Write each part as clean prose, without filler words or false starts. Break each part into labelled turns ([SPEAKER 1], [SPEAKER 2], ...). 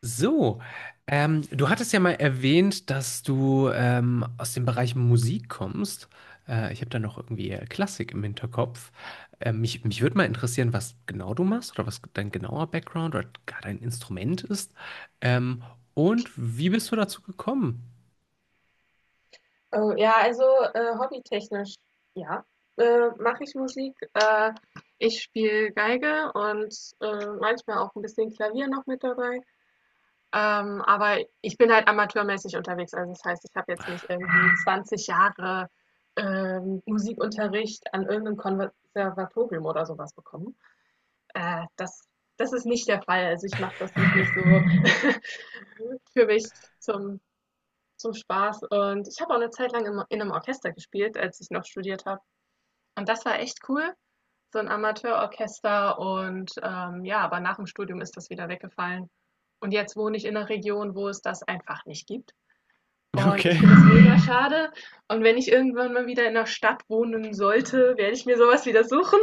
[SPEAKER 1] So, Du hattest ja mal erwähnt, dass du aus dem Bereich Musik kommst. Ich habe da noch irgendwie Klassik im Hinterkopf. Mich würde mal interessieren, was genau du machst oder was dein genauer Background oder gar dein Instrument ist. Ähm, und wie bist du dazu gekommen?
[SPEAKER 2] Oh, ja, also hobbytechnisch, ja, mache ich Musik. Ich spiele Geige und manchmal auch ein bisschen Klavier noch mit dabei. Aber ich bin halt amateurmäßig unterwegs. Also das heißt, ich habe jetzt nicht irgendwie 20 Jahre Musikunterricht an irgendeinem Konservatorium oder sowas bekommen. Äh, das, das ist nicht der Fall. Also ich mache das wirklich so für mich zum zum Spaß, und ich habe auch eine Zeit lang im in einem Orchester gespielt, als ich noch studiert habe. Und das war echt cool, so ein Amateurorchester, und, ja, aber nach dem Studium ist das wieder weggefallen. Und jetzt wohne ich in 'ner Region, wo es das einfach nicht gibt. Und ich
[SPEAKER 1] Okay.
[SPEAKER 2] finde es mega schade. Und wenn ich irgendwann mal wieder in einer Stadt wohnen sollte, werde ich mir so was wieder suchen.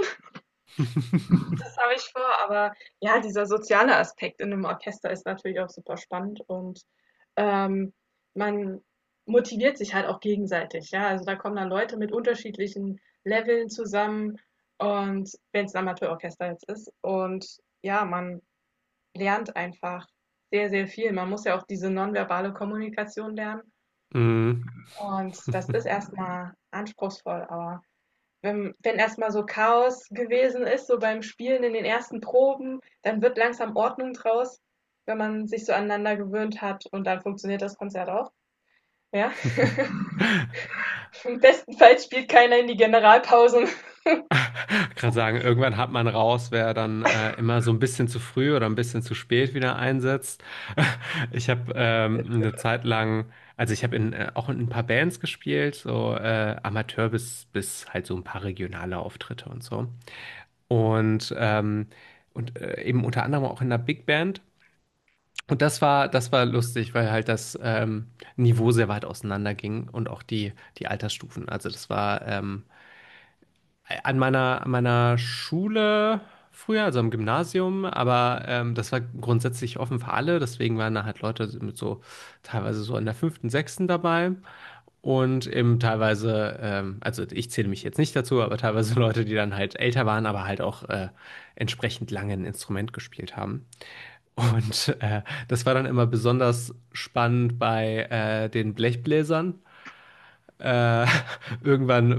[SPEAKER 2] Das habe ich vor, aber ja, dieser soziale Aspekt in einem Orchester ist natürlich auch super spannend, und, ähm, man motiviert sich halt auch gegenseitig, ja? Also, da kommen dann Leute mit unterschiedlichen Leveln zusammen, und wenn es ein Amateurorchester jetzt ist, und ja, man lernt einfach sehr, sehr viel. Man muss ja auch diese nonverbale Kommunikation lernen,
[SPEAKER 1] Mm.
[SPEAKER 2] und das ist erstmal anspruchsvoll, aber wenn erstmal so Chaos gewesen ist, so beim Spielen in den ersten Proben, dann wird langsam Ordnung draus, wenn man sich so aneinander gewöhnt hat, und dann funktioniert das Konzert auch. Ja. Im besten Fall spielt keiner in die Generalpausen.
[SPEAKER 1] Gerade sagen, irgendwann hat man raus, wer dann immer so ein bisschen zu früh oder ein bisschen zu spät wieder einsetzt. Ich habe eine Zeit lang. Also ich habe auch in ein paar Bands gespielt, so Amateur bis halt so ein paar regionale Auftritte und so. Und, ähm, und eben unter anderem auch in einer Big Band. Und das war lustig, weil halt das Niveau sehr weit auseinander ging und auch die Altersstufen. Also das war an meiner Schule früher, also am Gymnasium, aber das war grundsätzlich offen für alle, deswegen waren da halt Leute mit so teilweise so in der fünften, sechsten dabei und eben teilweise, also ich zähle mich jetzt nicht dazu, aber teilweise Leute, die dann halt älter waren, aber halt auch entsprechend lange ein Instrument gespielt haben. Und das war dann immer besonders spannend bei den Blechbläsern. Äh, irgendwann,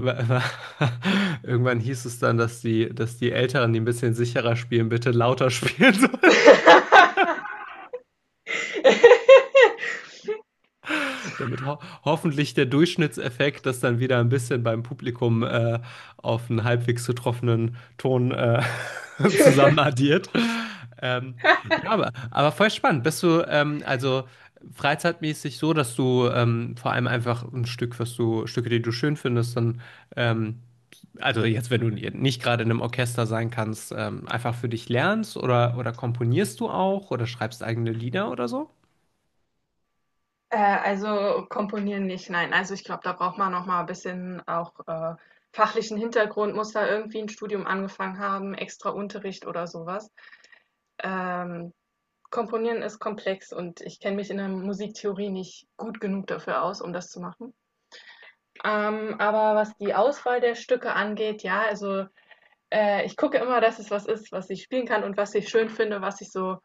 [SPEAKER 1] irgendwann hieß es dann, dass die Älteren, die ein bisschen sicherer spielen, bitte lauter spielen sollen, damit ho hoffentlich der Durchschnittseffekt das dann wieder ein bisschen beim Publikum auf einen halbwegs getroffenen Ton zusammenaddiert. Ähm, ja, aber voll spannend. Bist du also freizeitmäßig so, dass du vor allem einfach ein Stücke, die du schön findest, dann ähm, also jetzt, wenn du nicht gerade in einem Orchester sein kannst, einfach für dich lernst, oder komponierst du auch oder schreibst eigene Lieder oder so?
[SPEAKER 2] Also komponieren nicht, nein. Also ich glaube, da braucht man noch mal ein bisschen auch fachlichen Hintergrund, muss da irgendwie ein Studium angefangen haben, extra Unterricht oder sowas. Ähm, Komponieren ist komplex, und ich kenne mich in der Musiktheorie nicht gut genug dafür aus, um das zu machen. Aber was die Auswahl der Stücke angeht, ja, also ich gucke immer, dass es was ist, was ich spielen kann und was ich schön finde, was ich so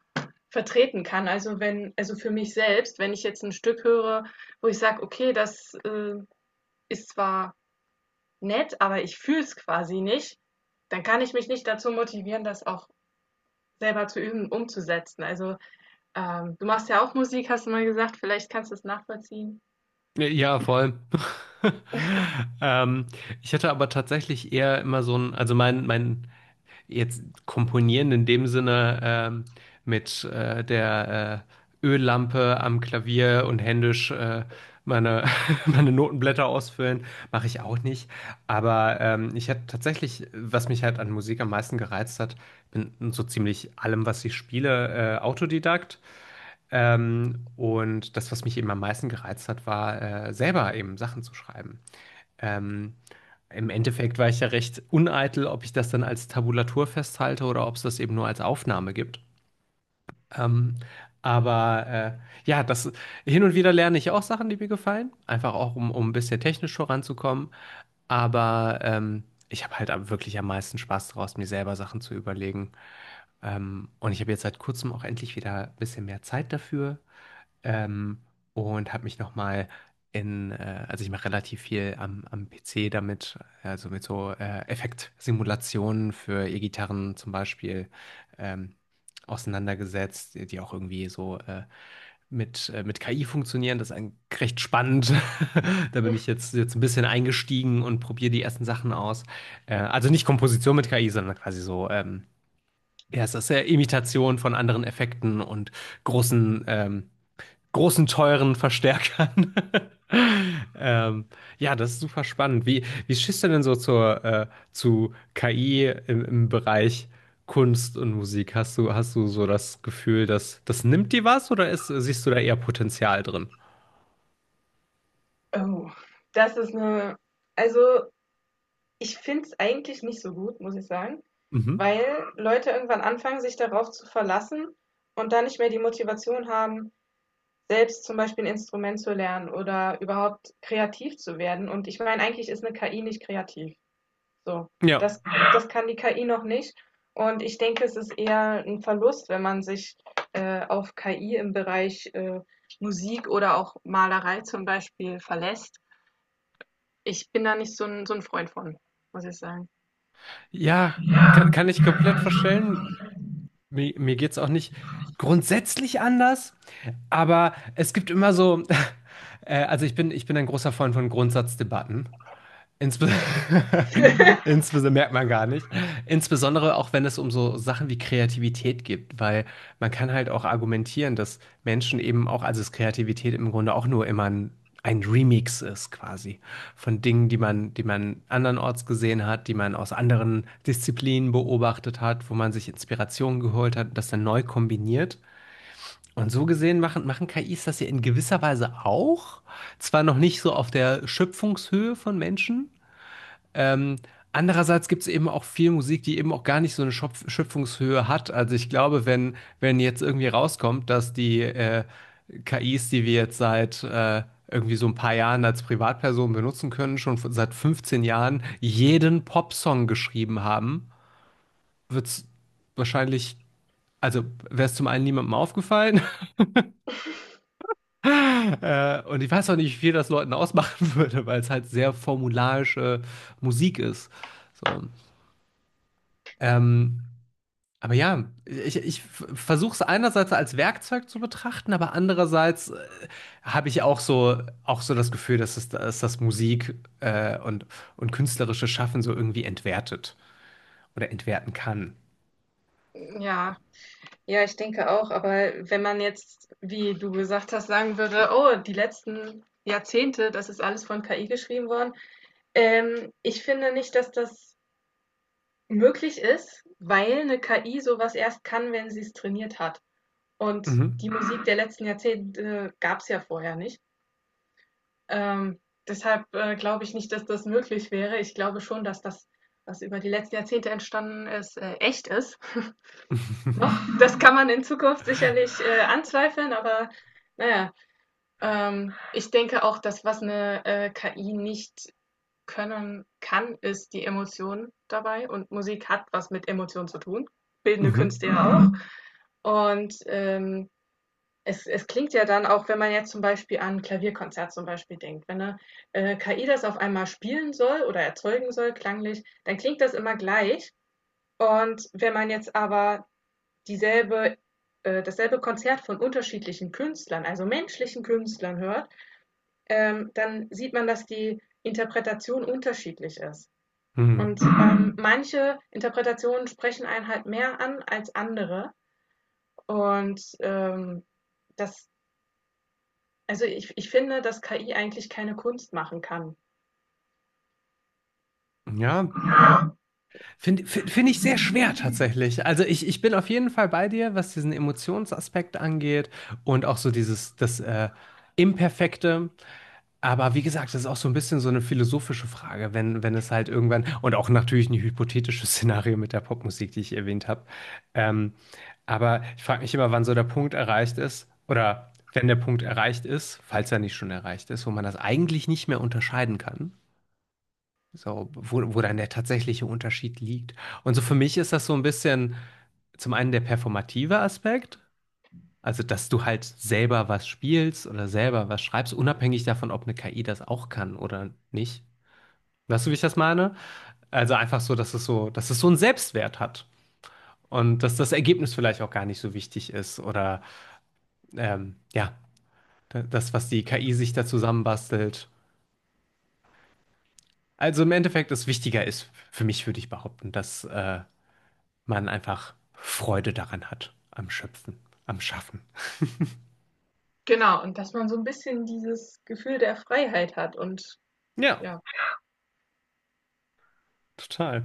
[SPEAKER 2] vertreten kann. Also wenn, also für mich selbst, wenn ich jetzt ein Stück höre, wo ich sage, okay, das ist zwar nett, aber ich fühle es quasi nicht, dann kann ich mich nicht dazu motivieren, das auch selber zu üben, umzusetzen. Also ähm, du machst ja auch Musik, hast du mal gesagt. Vielleicht kannst du es nachvollziehen.
[SPEAKER 1] Ja, vor allem. Ähm, Ich hatte aber tatsächlich eher immer so ein, also mein jetzt komponieren in dem Sinne mit der Öllampe am Klavier und händisch meine, meine Notenblätter ausfüllen, mache ich auch nicht. Aber ich hatte tatsächlich, was mich halt an Musik am meisten gereizt hat, bin so ziemlich allem, was ich spiele, Autodidakt. Und das, was mich eben am meisten gereizt hat, war selber eben Sachen zu schreiben. Ähm, Im Endeffekt war ich ja recht uneitel, ob ich das dann als Tabulatur festhalte oder ob es das eben nur als Aufnahme gibt. Ähm, aber ja, das hin und wieder lerne ich auch Sachen, die mir gefallen, einfach auch um ein bisschen technisch voranzukommen. Aber ich habe halt wirklich am meisten Spaß daraus, mir selber Sachen zu überlegen. Und ich habe jetzt seit kurzem auch endlich wieder ein bisschen mehr Zeit dafür. Ähm, und habe mich nochmal also ich mache relativ viel am PC damit, also mit so Effektsimulationen für E-Gitarren zum Beispiel ähm, auseinandergesetzt, die auch irgendwie so mit KI funktionieren. Das ist recht spannend. Da bin ich jetzt ein bisschen eingestiegen und probiere die ersten Sachen aus. Also nicht Komposition mit KI, sondern quasi so, ja, es ist ja Imitation von anderen Effekten und großen ähm, großen, teuren Verstärkern. ähm, ja, das ist super spannend. Wie stehst du denn so zu KI im Bereich Kunst und Musik? Hast du so das Gefühl, dass das nimmt dir was oder ist, siehst du da eher Potenzial drin?
[SPEAKER 2] Oh, das ist eine. Also, ich finde es eigentlich nicht so gut, muss ich sagen,
[SPEAKER 1] Mhm.
[SPEAKER 2] weil Leute irgendwann anfangen, sich darauf zu verlassen und dann nicht mehr die Motivation haben, selbst zum Beispiel ein Instrument zu lernen oder überhaupt kreativ zu werden. Und ich meine, eigentlich ist 'ne KI nicht kreativ. So,
[SPEAKER 1] Ja.
[SPEAKER 2] das, das kann die KI noch nicht. Und ich denke, es ist eher ein Verlust, wenn man sich auf KI im Bereich Musik oder auch Malerei zum Beispiel verlässt. Ich bin da nicht so ein, so ein Freund von, muss ich sagen.
[SPEAKER 1] Ja, kann ich komplett verstellen. Mir geht's auch nicht grundsätzlich anders, aber es gibt immer so, also ich bin ein großer Freund von Grundsatzdebatten. Insbe Insbesondere merkt man gar nicht. Insbesondere auch wenn es um so Sachen wie Kreativität geht, weil man kann halt auch argumentieren, dass Menschen eben auch, also dass Kreativität im Grunde auch nur immer ein Remix ist quasi von Dingen, die man andernorts gesehen hat, die man aus anderen Disziplinen beobachtet hat, wo man sich Inspirationen geholt hat, das dann neu kombiniert. Und so gesehen machen KIs das ja in gewisser Weise auch, zwar noch nicht so auf der Schöpfungshöhe von Menschen. ähm, Andererseits gibt es eben auch viel Musik, die eben auch gar nicht so eine Schöpfungshöhe hat. Also ich glaube, wenn jetzt irgendwie rauskommt, dass die KIs, die wir jetzt seit irgendwie so ein paar Jahren als Privatpersonen benutzen können, schon seit 15 Jahren jeden Popsong geschrieben haben, wird es wahrscheinlich, also, wäre es zum einen niemandem aufgefallen und ich weiß auch nicht, wie viel das Leuten ausmachen würde, weil es halt sehr formularische Musik ist. So. Ähm, Aber ja, ich versuche es einerseits als Werkzeug zu betrachten, aber andererseits habe ich auch so das Gefühl, dass das Musik und künstlerische Schaffen so irgendwie entwertet oder entwerten kann.
[SPEAKER 2] Ja, ja, ich denke auch. Aber wenn man jetzt, wie du gesagt hast, sagen würde, oh, die letzten Jahrzehnte, das ist alles von KI geschrieben worden. Ich finde nicht, dass das möglich ist, weil eine KI so was erst kann, wenn sie es trainiert hat. Und
[SPEAKER 1] Mhm.
[SPEAKER 2] die Musik der letzten Jahrzehnte gab's ja vorher nicht. Ähm, deshalb, glaube ich nicht, dass das möglich wäre. Ich glaube schon, dass das, was über die letzten Jahrzehnte entstanden ist, echt ist noch. Das kann man in Zukunft sicherlich, anzweifeln, aber naja, ich denke auch, dass was eine KI nicht können kann, ist die Emotion dabei, und Musik hat was mit Emotionen zu tun, bildende
[SPEAKER 1] Mhm.
[SPEAKER 2] Künste ja auch. Und es klingt ja dann auch, wenn man jetzt zum Beispiel an ein Klavierkonzert zum Beispiel denkt, wenn eine KI das auf einmal spielen soll oder erzeugen soll, klanglich, dann klingt das immer gleich. Und wenn man jetzt aber dieselbe dasselbe Konzert von unterschiedlichen Künstlern, also menschlichen Künstlern hört, dann sieht man, dass die Interpretation unterschiedlich ist.
[SPEAKER 1] Mhm.
[SPEAKER 2] Und manche Interpretationen sprechen einen halt mehr an als andere. Und das, also ich finde, dass KI eigentlich keine Kunst machen kann.
[SPEAKER 1] Ja, finde ich sehr schwer tatsächlich. Also ich bin auf jeden Fall bei dir, was diesen Emotionsaspekt angeht und auch so dieses, das Imperfekte. Aber wie gesagt, das ist auch so ein bisschen so eine philosophische Frage, wenn es halt irgendwann, und auch natürlich ein hypothetisches Szenario mit der Popmusik, die ich erwähnt habe. Ähm, aber ich frage mich immer, wann so der Punkt erreicht ist, oder wenn der Punkt erreicht ist, falls er nicht schon erreicht ist, wo man das eigentlich nicht mehr unterscheiden kann. So, wo dann der tatsächliche Unterschied liegt. Und so für mich ist das so ein bisschen zum einen der performative Aspekt, also, dass du halt selber was spielst oder selber was schreibst, unabhängig davon, ob eine KI das auch kann oder nicht. Weißt du, wie ich das meine? Also einfach so, dass es so einen Selbstwert hat und dass das Ergebnis vielleicht auch gar nicht so wichtig ist oder ja, das, was die KI sich da zusammenbastelt. Also im Endeffekt es wichtiger ist, für mich würde ich behaupten, dass man einfach Freude daran hat, am Schöpfen, am Schaffen.
[SPEAKER 2] Genau, und dass man so ein bisschen dieses Gefühl der Freiheit hat und
[SPEAKER 1] Ja,
[SPEAKER 2] ja.
[SPEAKER 1] total.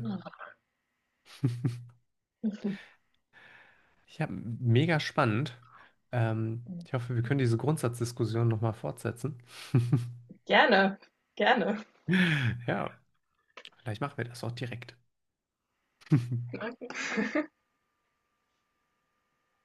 [SPEAKER 1] Ja, mega spannend. Ich hoffe, wir können diese Grundsatzdiskussion nochmal fortsetzen.
[SPEAKER 2] Gerne, gerne.
[SPEAKER 1] Ja, vielleicht machen wir das auch direkt.
[SPEAKER 2] Okay.